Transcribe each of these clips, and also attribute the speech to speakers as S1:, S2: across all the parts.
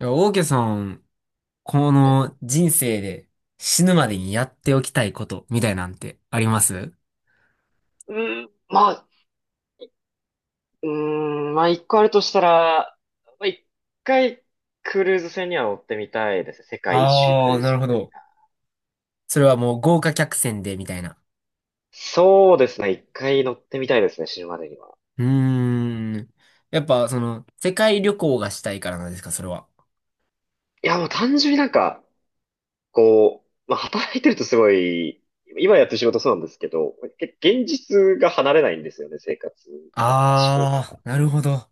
S1: いや、オーケーさん、この人生で死ぬまでにやっておきたいことみたいなんてあります
S2: まあ、うーまあ一個あるとしたら、まあ一回クルーズ船には乗ってみたいですね。世界一周ク
S1: あ
S2: ル
S1: あ、
S2: ー
S1: な
S2: ズ
S1: るほ
S2: みたい
S1: ど。
S2: な。
S1: それはもう豪華客船でみたいな。
S2: そうですね。一回乗ってみたいですね。死ぬまでには。
S1: うーん。やっぱその世界旅行がしたいからなんですか、それは。
S2: いや、もう単純になんか、こう、まあ働いてるとすごい、今やってる仕事そうなんですけど、現実が離れないんですよね。生活から思考か
S1: あ
S2: ら。
S1: あ、なるほど。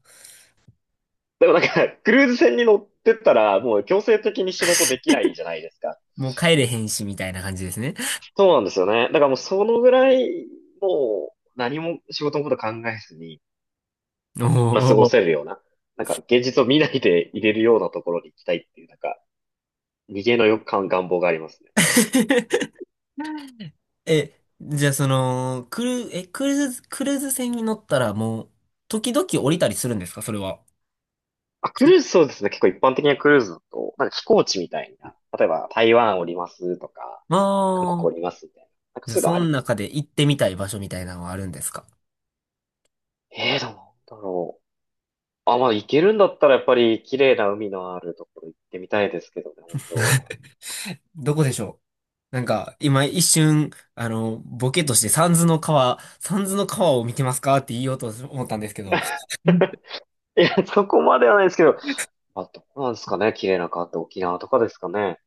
S2: でもなんか、クルーズ船に乗ってったら、もう強制的に仕事できないじゃないですか。
S1: もう帰れへんしみたいな感じですね。
S2: そうなんですよね。だからもうそのぐらい、もう何も仕事のこと考えずに、
S1: お
S2: まあ過ご
S1: ー。
S2: せるような、なんか現実を見ないで入れるようなところに行きたいっていう、なんか逃げの欲感、願望がありますね。
S1: え、じゃあその、クル、え、クルーズ、クルーズ船に乗ったらもう時々降りたりするんですか、それは。
S2: あ、クルーズそうですね。結構一般的なクルーズだと、なんか飛行地みたいな、例えば台湾おりますとか、韓
S1: あ
S2: 国おり
S1: あ、
S2: ますみたいな、なんか
S1: じゃあ、
S2: そういうのは
S1: そ
S2: あ
S1: の
S2: ります。
S1: 中で行ってみたい場所みたいなのはあるんですか？
S2: ええー、どうなんだろう。あ、まあ行けるんだったらやっぱり綺麗な海のあるところ行ってみたいですけどね、本当。
S1: どこでしょうなんか、今一瞬、ボケとして三途の川、三途の川を見てますかって言おうと思ったんですけど。
S2: いや、そこまではないですけど、あ、どうなんですかね。綺麗な川って沖縄とかですかね。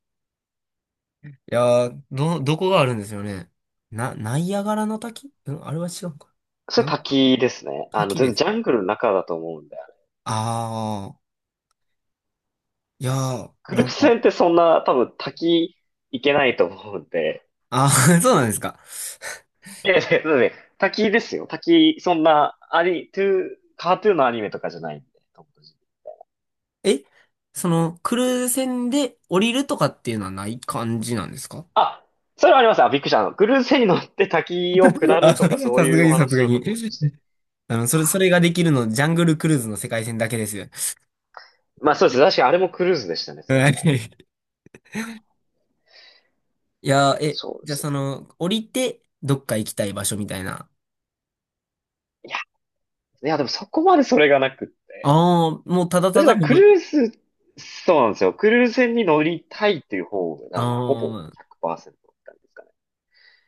S1: いやー、ど、どこがあるんですよね。な、ナイアガラの滝うんあれは違うか。
S2: それ
S1: なんか、
S2: 滝ですね。あの、
S1: 滝
S2: 全
S1: で
S2: 然
S1: す。
S2: ジャングルの中だと思うんで。
S1: ああ、いやー、
S2: クル
S1: な
S2: ー
S1: ん
S2: ズ
S1: か、
S2: 船ってそんな多分滝行けないと思うんで。
S1: ああ、そうなんですか。
S2: いやいや、だって滝ですよ。滝、そんな、アニ、トゥー、カートゥーンのアニメとかじゃないんで。トムとジェリー。
S1: え、その、クルーズ船で降りるとかっていうのはない感じなんですか？
S2: あ、それはあります。あ、びっくりした。あの、クルーズ船に乗って滝を下
S1: あ、
S2: ると
S1: さす
S2: かそうい
S1: が
S2: うお
S1: にさす
S2: 話
S1: が
S2: なのか
S1: に。
S2: と思いまして。
S1: うん、それ、それができるの、ジャングルクルーズの世界線だけですよ。
S2: まあそうです。確かにあれもクルーズでしたね、そういえ
S1: は
S2: ば。
S1: い。いやー、え、
S2: そうで
S1: じゃあ
S2: す。
S1: その、降りて、どっか行きたい場所みたいな。
S2: いや、いやでもそこまでそれがなくって。
S1: ああ、もうただ
S2: だ
S1: た
S2: か
S1: だ
S2: ら
S1: も
S2: ク
S1: う、
S2: ルーズ、そうなんですよ。クルーズ船に乗りたいっていう方
S1: あ
S2: が、あの、ほぼ
S1: あ、
S2: 100%って感ですかね。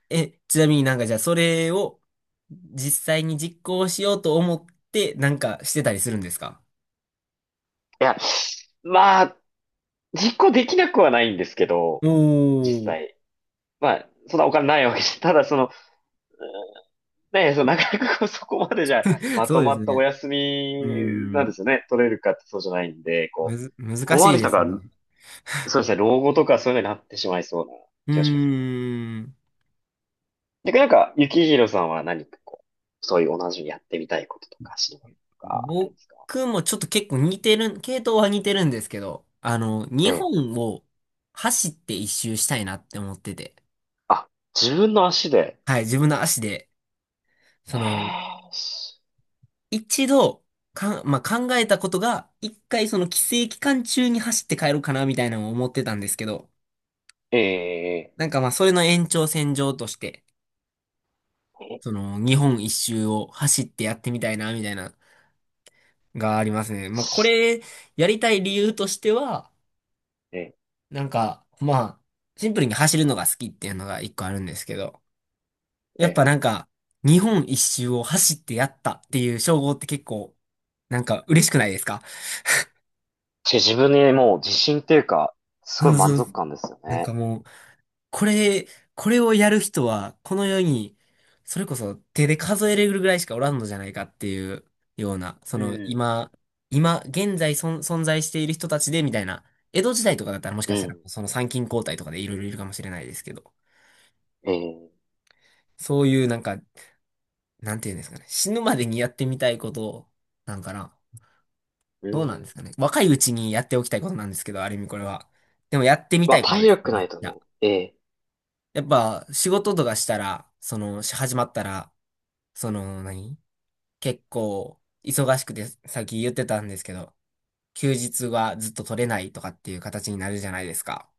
S1: え、ちなみになんかじゃあそれを、実際に実行しようと思って、なんかしてたりするんですか？
S2: いや、まあ、実行できなくはないんですけど、
S1: お。
S2: 実
S1: お
S2: 際。まあ、そんなお金ないわけじゃ、ただその、ね、そのなかなかこうそこまでじゃ、
S1: ー、
S2: ま
S1: そ
S2: と
S1: うで
S2: ま
S1: す
S2: ったお
S1: ね。
S2: 休み
S1: うー
S2: なんで
S1: ん、
S2: すよね。取れるかってそうじゃないんで、こ
S1: む
S2: う、
S1: ず、
S2: こ
S1: 難
S2: こま
S1: し
S2: で
S1: い
S2: 来
S1: で
S2: た
S1: す
S2: から、
S1: ね。
S2: そうですね、老後とかそういうのになってしまいそうな
S1: うー
S2: 気がします。
S1: ん。
S2: 逆になんか、ゆきひろさんは何かこう、そういう同じようにやってみたいこととか、知りたいこととか、ありますか？
S1: 僕もちょっと結構似てる、系統は似てるんですけど、
S2: え
S1: 日
S2: え。
S1: 本を走って一周したいなって思ってて。
S2: あ、自分の足で。
S1: はい、自分の足で、
S2: え
S1: その、
S2: ーし
S1: 一度、かん、まあ、考えたことが、一回その帰省期間中に走って帰ろうかな、みたいなのを思ってたんですけど、
S2: ええ
S1: なんかまあ、それの延長線上として、
S2: え
S1: そ
S2: え
S1: の、日本一周を走ってやってみたいな、みたいな、がありますね。まあ、これ、やりたい理由としては、
S2: え
S1: なんか、まあ、シンプルに走るのが好きっていうのが一個あるんですけど、やっ
S2: え
S1: ぱ
S2: え
S1: なんか、日本一周を走ってやったっていう称号って結構、なんか嬉しくないですか？
S2: し自分にもう自信っていうか、すご
S1: そ
S2: い
S1: う
S2: 満
S1: そう。
S2: 足感ですよ
S1: なんか
S2: ね。
S1: もう、これ、これをやる人は、この世に、それこそ手で数えれるぐらいしかおらんのじゃないかっていうような、そ
S2: う
S1: の
S2: ん。
S1: 今、今、現在存在している人たちでみたいな、江戸時代とかだったらもし
S2: う
S1: かしたら、
S2: ん。
S1: その参勤交代とかでいろいろいるかもしれないですけど、
S2: ええ、
S1: そういうなんかなんていうんですかね。死ぬまでにやってみたいことなんかな。
S2: う
S1: どうなん
S2: ん。
S1: ですかね。若いうちにやっておきたいことなんですけど、ある意味これは。でもやってみ
S2: ま
S1: た
S2: あ、
S1: いこと
S2: 体
S1: ですね。
S2: 力
S1: め
S2: な
S1: っ
S2: いと
S1: ちゃ
S2: ね。ええ
S1: やっぱ仕事とかしたら、その、し始まったら、その何、結構忙しくて、さっき言ってたんですけど、休日はずっと取れないとかっていう形になるじゃないですか。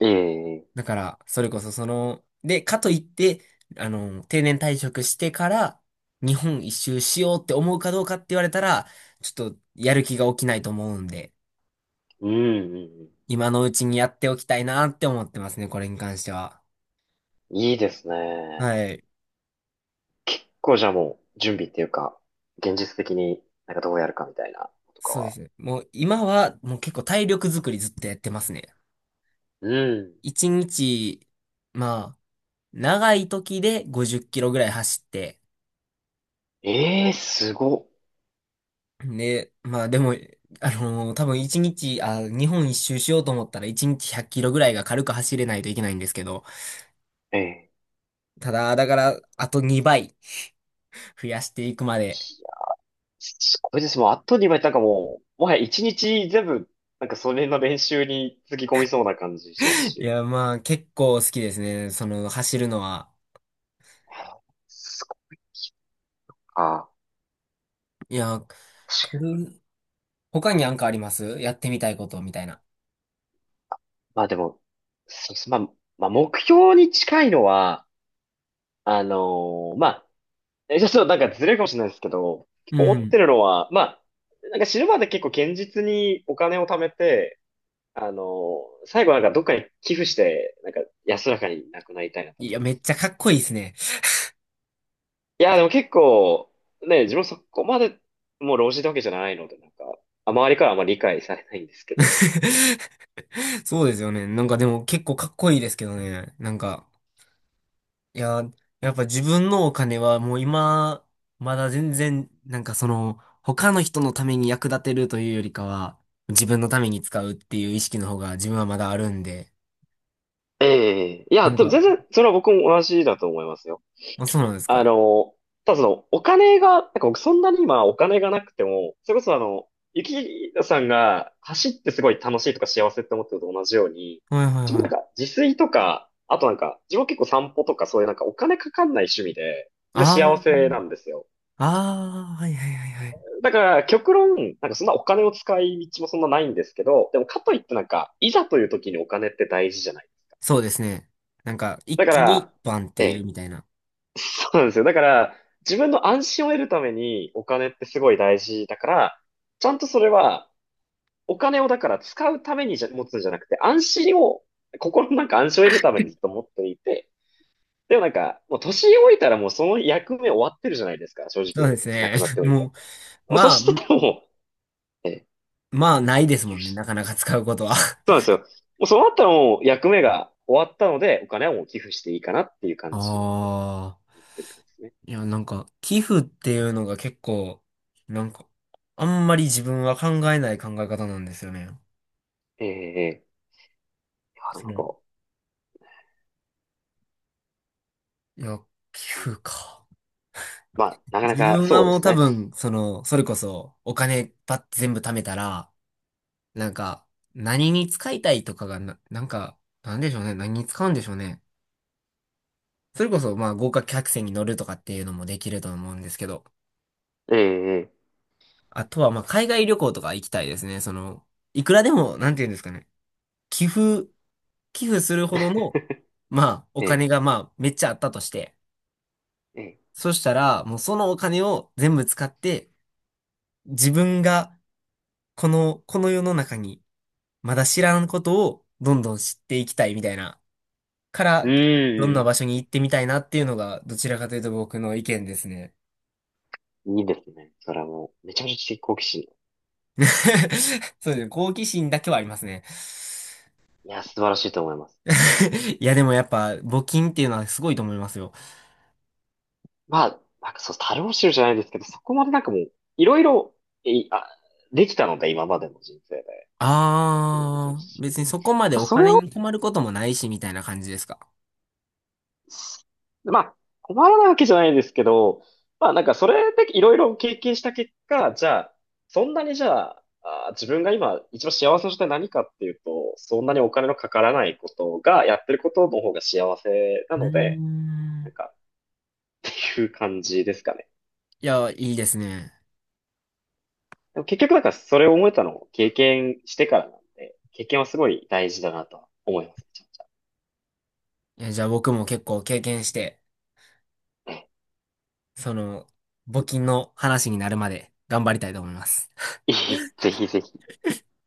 S2: ええ、
S1: だから、それこそその、で、かといって、定年退職してから、日本一周しようって思うかどうかって言われたら、ちょっとやる気が起きないと思うんで、
S2: うん、うん
S1: 今のうちにやっておきたいなって思ってますね、これに関しては。
S2: うん。いいですね。
S1: はい。
S2: こうじゃあもう、準備っていうか、現実的になんかどうやるかみたいなことか
S1: そうで
S2: は。
S1: すね。もう今は、もう結構体力作りずっとやってますね。
S2: うん。
S1: 一日、まあ、長い時で50キロぐらい走って、
S2: ええー、すごっ。
S1: で、まあでも、多分一日、あ、日本一周しようと思ったら一日100キロぐらいが軽く走れないといけないんですけど、
S2: ええ、い
S1: ただ、だから、あと2倍増やしていくまで。
S2: や、すごいです。もう、あとにういなんかもう、もはや一日全部、なんかそれの練習につぎ込みそうな感じします
S1: い
S2: し。
S1: や、まあ結構好きですね。その、走るのは。
S2: すごっか。
S1: いや、これ他になんかありますやってみたいことみたいな。
S2: まあでも、そうです。まあ、まあ、目標に近いのは、あのーまあ、ちょっとなんかずれるかもしれないですけど、結
S1: う
S2: 構思っ
S1: ん。
S2: てるのは、まあ、なんか死ぬまで結構堅実にお金を貯めて、あのー最後なんかどっかに寄付して、なんか安らかに亡くなりたいなと。
S1: いや、めっちゃかっこいいですね。
S2: いや、でも結構、ね、自分そこまで、もう老人ってわけじゃないので、なんか、あ、周りからはあんまり理解されないんですけど。
S1: そうですよね。なんかでも結構かっこいいですけどね。なんか、いや、やっぱ自分のお金はもう今、まだ全然、なんかその、他の人のために役立てるというよりかは、自分のために使うっていう意識の方が自分はまだあるんで、
S2: ええ、いや、
S1: なん
S2: でも
S1: か、
S2: 全然、それは僕も同じだと思いますよ。
S1: あ、そうなんです
S2: あ
S1: か。
S2: の、ただその、お金が、なんか僕そんなに今お金がなくても、それこそあの、ゆきさんが走ってすごい楽しいとか幸せって思ってるのと同じように、
S1: はいはい
S2: 自分
S1: は
S2: なん
S1: い。
S2: か自炊とか、あとなんか、自分結構散歩とかそういうなんかお金かかんない趣味で、全然幸
S1: あ
S2: せなんですよ。
S1: あ、ああ、はいはいはいはい。
S2: だから、極論、なんかそんなお金を使い道もそんなないんですけど、でもかといってなんか、いざという時にお金って大事じゃない。
S1: そうですね。なんか、一
S2: だか
S1: 気に
S2: ら、
S1: バンって
S2: え
S1: いる
S2: え、
S1: みたいな。
S2: そうなんですよ。だから、自分の安心を得るためにお金ってすごい大事だから、ちゃんとそれは、お金をだから使うためにじゃ持つんじゃなくて、安心を、心のなんか安心を得るためにずっと持っていて、でもなんか、もう年老いたらもうその役目終わってるじゃないですか、正
S1: そ
S2: 直
S1: う
S2: も
S1: で
S2: う
S1: す
S2: 生きな
S1: ね。
S2: くなっ ておいた
S1: も
S2: ら。
S1: う、
S2: もうそ
S1: まあ、
S2: したらもう、ええ、
S1: まあ、ないですもんね。なかなか使うことは。
S2: そうなんで すよ。もうそうなったらもう役目が終わったので、お金はもう寄付していいかなっていう感じで
S1: ああ。
S2: 思ってる感じですね。
S1: いや、なんか、寄付っていうのが結構、なんか、あんまり自分は考えない考え方なんですよね。
S2: ええええ、いや、
S1: そ
S2: なん
S1: の、い
S2: か、
S1: や、寄
S2: うん、
S1: 付か。
S2: まあ、なかな
S1: 自
S2: か
S1: 分は
S2: そう
S1: も
S2: で
S1: う
S2: す
S1: 多
S2: ね。
S1: 分、その、それこそ、お金ばって全部貯めたら、なんか、何に使いたいとかがな、なんか、なんでしょうね。何に使うんでしょうね。それこそ、まあ、豪華客船に乗るとかっていうのもできると思うんですけど、
S2: ええ
S1: あとは、まあ、海外旅行とか行きたいですね。その、いくらでも、なんていうんですかね。寄付、寄付するほどの、まあ、お
S2: ええ
S1: 金がまあ、めっちゃあったとして、
S2: ええ
S1: そしたら、もうそのお金を全部使って、自分が、この、この世の中に、まだ知らんことを、どんどん知っていきたいみたいな、か
S2: え
S1: ら、どん
S2: え、
S1: な
S2: う
S1: 場
S2: ー
S1: 所に行ってみたいなっていうのが、どちらかというと僕の意見ですね。
S2: ん。いいですね。それはもう、めちゃめちゃ知的好奇心。い
S1: そうですね、好奇心だけはありますね。
S2: や、素晴らしいと思います。
S1: いや、でもやっぱ、募金っていうのはすごいと思いますよ。
S2: まあ、なんかそう、樽を知るじゃないですけど、そこまでなんかもう、いろいろ、えいあ、できたので、今までの人生で、経験もできる
S1: ああ、
S2: し。
S1: 別にそこまでお
S2: それ
S1: 金
S2: を
S1: に困ることもないし、みたいな感じですか。
S2: まあ、困らないわけじゃないですけど、まあなんかそれでいろいろ経験した結果、じゃあ、そんなにじゃあ、あー自分が今一番幸せな状態何かっていうと、そんなにお金のかからないことが、やってることの方が幸せな
S1: うー
S2: ので、な
S1: ん。
S2: んかっていう感じですかね。
S1: いや、いいですね。
S2: でも結局なんかそれを思えたのを経験してからなんで、経験はすごい大事だなとは思います。めちゃめちゃ。
S1: いやじゃあ僕も結構経験して、その、募金の話になるまで頑張りたいと思います。
S2: え、いい、ぜひぜひ。